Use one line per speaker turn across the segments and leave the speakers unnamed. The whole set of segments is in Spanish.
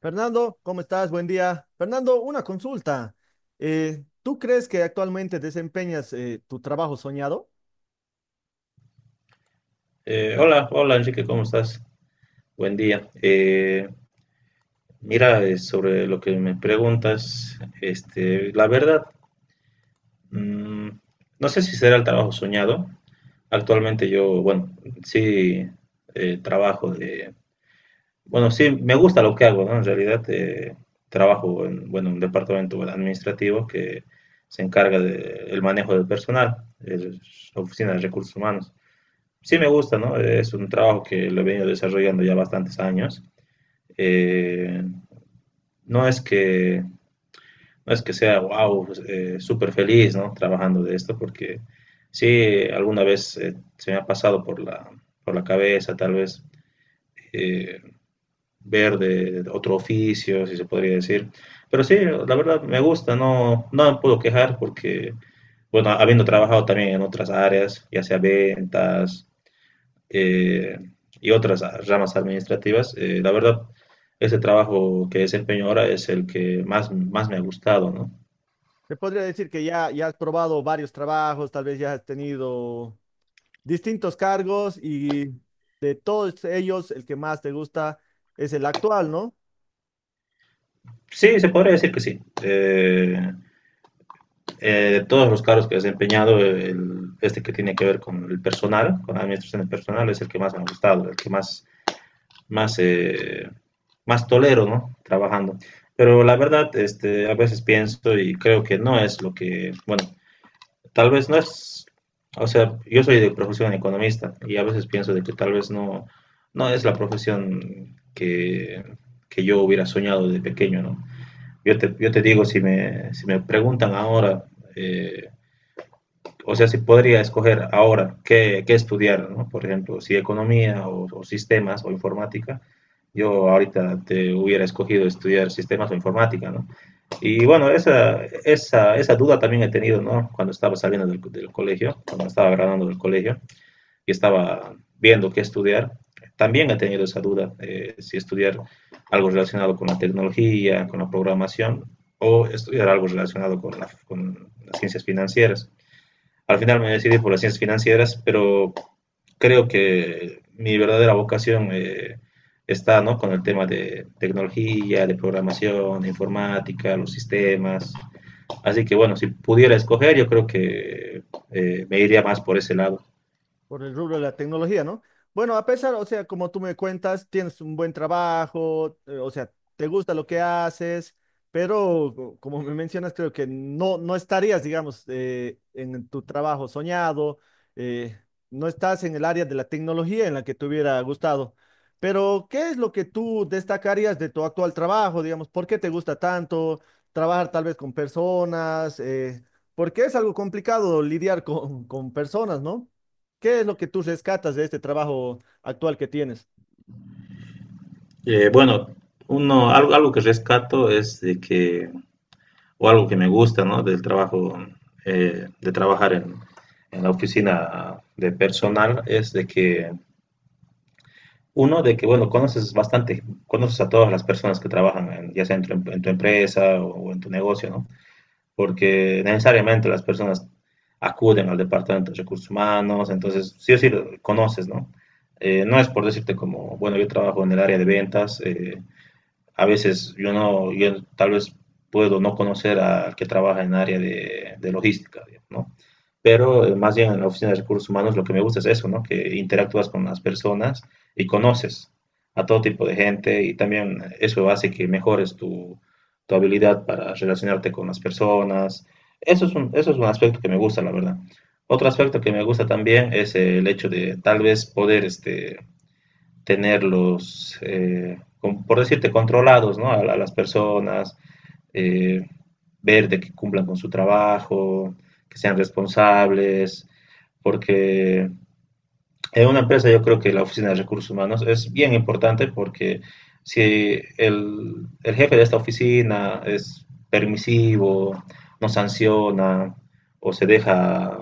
Fernando, ¿cómo estás? Buen día. Fernando, una consulta. ¿Tú crees que actualmente desempeñas tu trabajo soñado?
Hola, hola Enrique, ¿cómo estás? Buen día. Mira, sobre lo que me preguntas, este, la verdad, mm, no sé si será el trabajo soñado. Actualmente yo, bueno, sí trabajo de, bueno, sí me gusta lo que hago, ¿no? En realidad trabajo en, bueno, un departamento bueno, administrativo que se encarga del manejo del personal, es la oficina de recursos humanos. Sí me gusta, ¿no? Es un trabajo que lo he venido desarrollando ya bastantes años eh, no es que no es que sea wow, súper feliz, ¿no? Trabajando de esto, porque sí, alguna vez se me ha pasado por la cabeza, tal vez eh, ver de otro oficio, si se podría decir. Pero sí, la verdad me gusta, no, no me puedo quejar porque, bueno, habiendo trabajado también en otras áreas, ya sea ventas, eh, y otras ramas administrativas. La verdad, ese trabajo que desempeño ahora es el que más, más me ha gustado, ¿no?
Te podría decir que ya has probado varios trabajos, tal vez ya has tenido distintos cargos y de todos ellos el que más te gusta es el actual, ¿no?
Sí, se podría decir que sí. Eh, de todos los cargos que he desempeñado, este que tiene que ver con el personal, con la administración del personal, es el que más me ha gustado, el que más, más, más tolero, ¿no? Trabajando. Pero la verdad, este, a veces pienso y creo que no es lo que, bueno, tal vez no es, o sea, yo soy de profesión economista y a veces pienso de que tal vez no, no es la profesión que yo hubiera soñado de pequeño, ¿no? Yo te digo, si me preguntan ahora, eh, o sea, si podría escoger ahora qué, qué estudiar, ¿no? Por ejemplo, si economía o sistemas o informática, yo ahorita te hubiera escogido estudiar sistemas o informática, ¿no? Y bueno, esa duda también he tenido, ¿no? Cuando estaba saliendo del, del colegio, cuando estaba graduando del colegio y estaba viendo qué estudiar, también he tenido esa duda, si estudiar algo relacionado con la tecnología, con la programación, o estudiar algo relacionado con, la, con las ciencias financieras. Al final me decidí por las ciencias financieras, pero creo que mi verdadera vocación está ¿no? con el tema de tecnología, de programación, de informática, los sistemas. Así que bueno, si pudiera escoger, yo creo que me iría más por ese lado.
Por el rubro de la tecnología, ¿no? Bueno, a pesar, o sea, como tú me cuentas, tienes un buen trabajo, o sea, te gusta lo que haces, pero como me mencionas, creo que no estarías, digamos, en tu trabajo soñado, eh, no estás en el área de la tecnología en la que te hubiera gustado. Pero, ¿qué es lo que tú destacarías de tu actual trabajo, digamos? ¿Por qué te gusta tanto trabajar tal vez con personas? Porque es algo complicado lidiar con personas, ¿no? ¿Qué es lo que tú rescatas de este trabajo actual que tienes?
Bueno, uno, algo que rescato es de que, o algo que me gusta, ¿no? Del trabajo, de trabajar en la oficina de personal, es de que Uno, de que, bueno, conoces bastante, conoces a todas las personas que trabajan, ya sea en tu, en tu empresa o en tu negocio, ¿no? Porque necesariamente las personas acuden al departamento de recursos humanos, entonces sí o sí lo conoces, ¿no? No es por decirte como, bueno, yo trabajo en el área de ventas, a veces yo no, yo tal vez puedo no conocer al que trabaja en área de logística, digamos, ¿no? Pero más bien en la oficina de recursos humanos lo que me gusta es eso, ¿no? Que interactúas con las personas y conoces a todo tipo de gente y también eso hace que mejores tu, tu habilidad para relacionarte con las personas. Eso es un aspecto que me gusta, la verdad. Otro aspecto que me gusta también es el hecho de tal vez poder este, tenerlos, por decirte, controlados, ¿no? A las personas, eh, ver de que cumplan con su trabajo, que sean responsables, porque en una empresa yo creo que la oficina de recursos humanos es bien importante porque si el jefe de esta oficina es permisivo, no sanciona o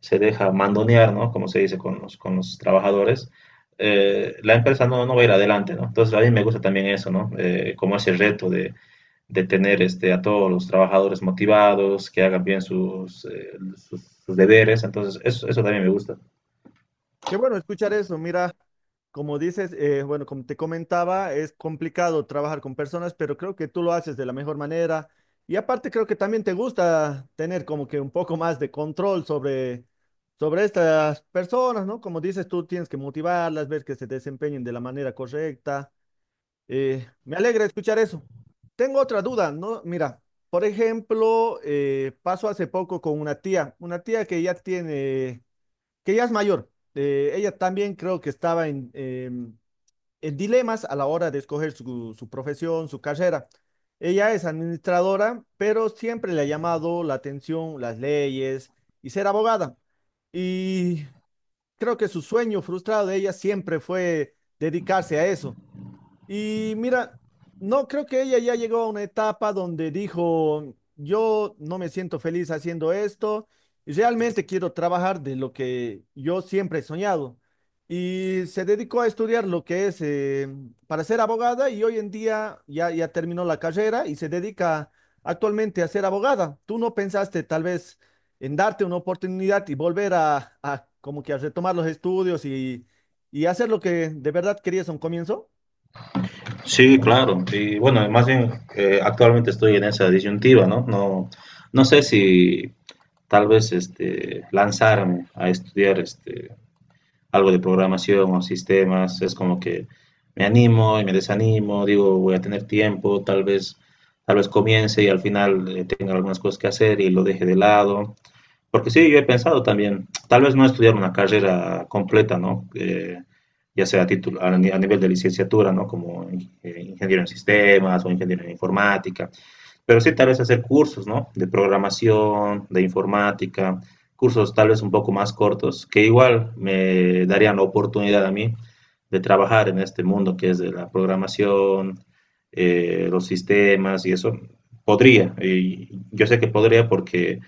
se deja mandonear, ¿no? Como se dice con los trabajadores, la empresa no, no va a ir adelante, ¿no? Entonces a mí me gusta también eso, ¿no? Como ese reto de tener este, a todos los trabajadores motivados, que hagan bien sus, sus deberes, entonces eso también me gusta.
Qué bueno escuchar eso. Mira, como dices, bueno, como te comentaba, es complicado trabajar con personas, pero creo que tú lo haces de la mejor manera. Y aparte creo que también te gusta tener como que un poco más de control sobre, sobre estas personas, ¿no? Como dices, tú tienes que motivarlas, ver que se desempeñen de la manera correcta. Me alegra escuchar eso. Tengo otra duda, ¿no? Mira, por ejemplo, pasó hace poco con una tía que ya tiene, que ya es mayor. Ella también creo que estaba en, en dilemas a la hora de escoger su, su profesión, su carrera. Ella es administradora, pero siempre le ha llamado la atención las leyes y ser abogada. Y creo que su sueño frustrado de ella siempre fue dedicarse a eso. Y mira, no creo que ella ya llegó a una etapa donde dijo, yo no me siento feliz haciendo esto, y realmente quiero trabajar de lo que yo siempre he soñado. Y se dedicó a estudiar lo que es para ser abogada y hoy en día ya terminó la carrera y se dedica actualmente a ser abogada. ¿Tú no pensaste tal vez en darte una oportunidad y volver a como que a retomar los estudios y hacer lo que de verdad querías a un comienzo?
Sí, claro, y bueno, más bien actualmente estoy en esa disyuntiva, ¿no? No, no sé si tal vez este, lanzarme a estudiar este, algo de programación o sistemas, es como que me animo y me desanimo, digo, voy a tener tiempo, tal vez comience y al final tenga algunas cosas que hacer y lo deje de lado. Porque sí, yo he pensado también, tal vez no estudiar una carrera completa, ¿no? Ya sea a, título, a nivel de licenciatura, ¿no? Ingeniero en sistemas o ingeniero en informática, pero sí tal vez hacer cursos, ¿no? De programación, de informática, cursos tal vez un poco más cortos, que igual me darían la oportunidad a mí de trabajar en este mundo que es de la programación, los sistemas y eso. Podría, y yo sé que podría porque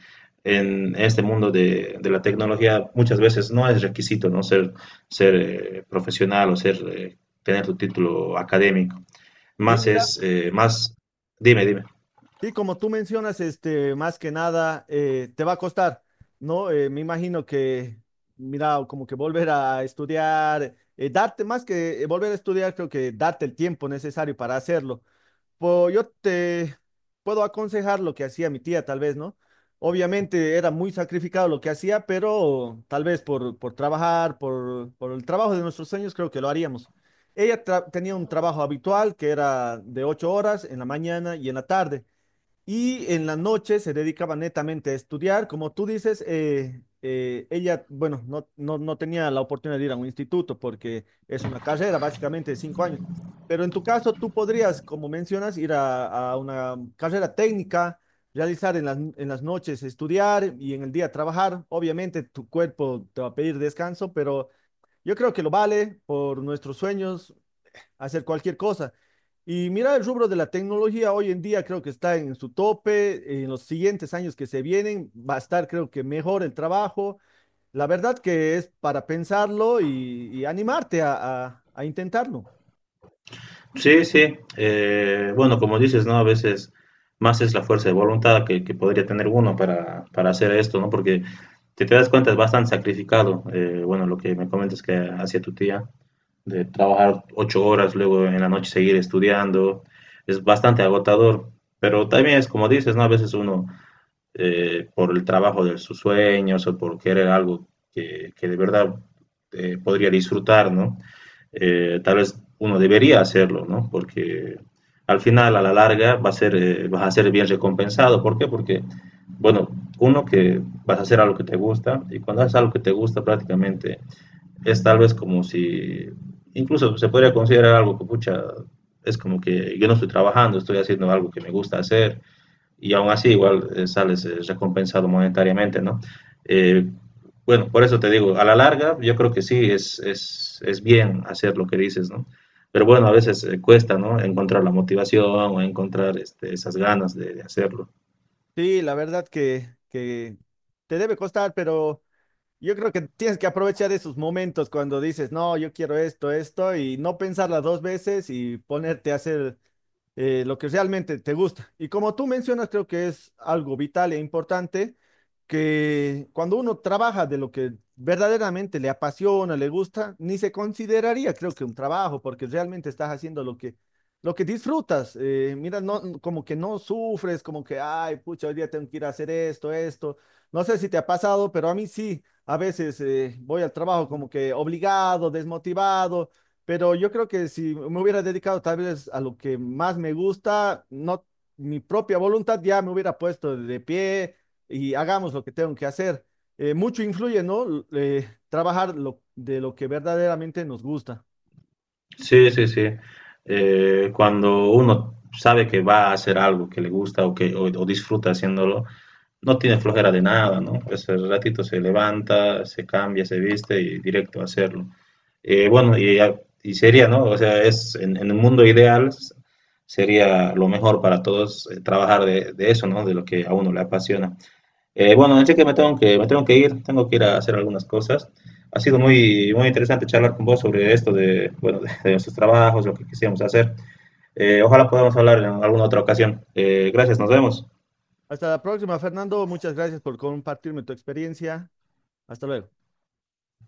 en este mundo de la tecnología muchas veces no es requisito, ¿no? Ser profesional o ser, tener tu título académico.
Sí,
Más
mira.
es, más, dime, dime.
Sí, como tú mencionas, este, más que nada, te va a costar, ¿no? Me imagino que, mira, como que volver a estudiar, darte más que volver a estudiar, creo que darte el tiempo necesario para hacerlo. Pues yo te puedo aconsejar lo que hacía mi tía, tal vez, ¿no? Obviamente era muy sacrificado lo que hacía, pero tal vez por trabajar, por el trabajo de nuestros sueños, creo que lo haríamos. Ella tenía un trabajo habitual que era de 8 horas en la mañana y en la tarde. Y en la noche se dedicaba netamente a estudiar. Como tú dices, ella, bueno, no tenía la oportunidad de ir a un instituto porque es una carrera básicamente de 5 años. Pero en tu caso, tú podrías, como mencionas, ir a una carrera técnica, realizar en las noches estudiar y en el día trabajar. Obviamente tu cuerpo te va a pedir descanso, pero yo creo que lo vale por nuestros sueños, hacer cualquier cosa. Y mira, el rubro de la tecnología hoy en día creo que está en su tope. En los siguientes años que se vienen va a estar, creo que, mejor el trabajo. La verdad que es para pensarlo y animarte a, a intentarlo.
Sí, sí. Bueno, como dices, ¿no? A veces más es la fuerza de voluntad que podría tener uno para hacer esto, ¿no? Porque si te das cuenta es bastante sacrificado. Bueno, lo que me comentas que hacía tu tía, de trabajar 8 horas, luego en la noche seguir estudiando, es bastante agotador. Pero también es como dices, ¿no? A veces uno por el trabajo de sus sueños o por querer algo que de verdad podría disfrutar, ¿no? Tal vez uno debería hacerlo, ¿no? Porque al final, a la larga, va a ser, vas a ser bien recompensado. ¿Por qué? Porque, bueno, uno que vas a hacer algo que te gusta y cuando haces algo que te gusta prácticamente es tal vez como si, incluso se podría considerar algo que, pucha, es como que yo no estoy trabajando, estoy haciendo algo que me gusta hacer y aún así igual sales recompensado monetariamente, ¿no? Eh, bueno, por eso te digo, a la larga yo creo que sí es bien hacer lo que dices, ¿no? Pero bueno, a veces cuesta, ¿no? Encontrar la motivación o encontrar este, esas ganas de hacerlo.
Sí, la verdad que te debe costar, pero yo creo que tienes que aprovechar esos momentos cuando dices, no, yo quiero esto, esto, y no pensarla 2 veces y ponerte a hacer lo que realmente te gusta. Y como tú mencionas, creo que es algo vital e importante que cuando uno trabaja de lo que verdaderamente le apasiona, le gusta, ni se consideraría, creo que un trabajo, porque realmente estás haciendo lo que disfrutas. Mira, no, como que no sufres, como que, ay, pucha, hoy día tengo que ir a hacer esto, esto. No sé si te ha pasado, pero a mí sí. A veces voy al trabajo como que obligado, desmotivado pero yo creo que si me hubiera dedicado tal vez a lo que más me gusta, no mi propia voluntad ya me hubiera puesto de pie y hagamos lo que tengo que hacer. Mucho influye, ¿no? Trabajar lo, de lo que verdaderamente nos gusta.
Sí, sí, sí. Cuando uno sabe que va a hacer algo que le gusta o que o disfruta haciéndolo, no tiene flojera de nada, ¿no? Pues el ratito se levanta, se cambia, se viste y directo a hacerlo. Bueno, y sería, ¿no? O sea, es en el mundo ideal sería lo mejor para todos trabajar de eso, ¿no? De lo que a uno le apasiona. Bueno, así que me tengo que ir a hacer algunas cosas. Ha sido muy muy interesante charlar con vos sobre esto de bueno de nuestros trabajos, lo que quisiéramos hacer. Ojalá podamos hablar en alguna otra ocasión. Gracias, nos vemos.
Hasta la próxima, Fernando. Muchas gracias por compartirme tu experiencia. Hasta luego.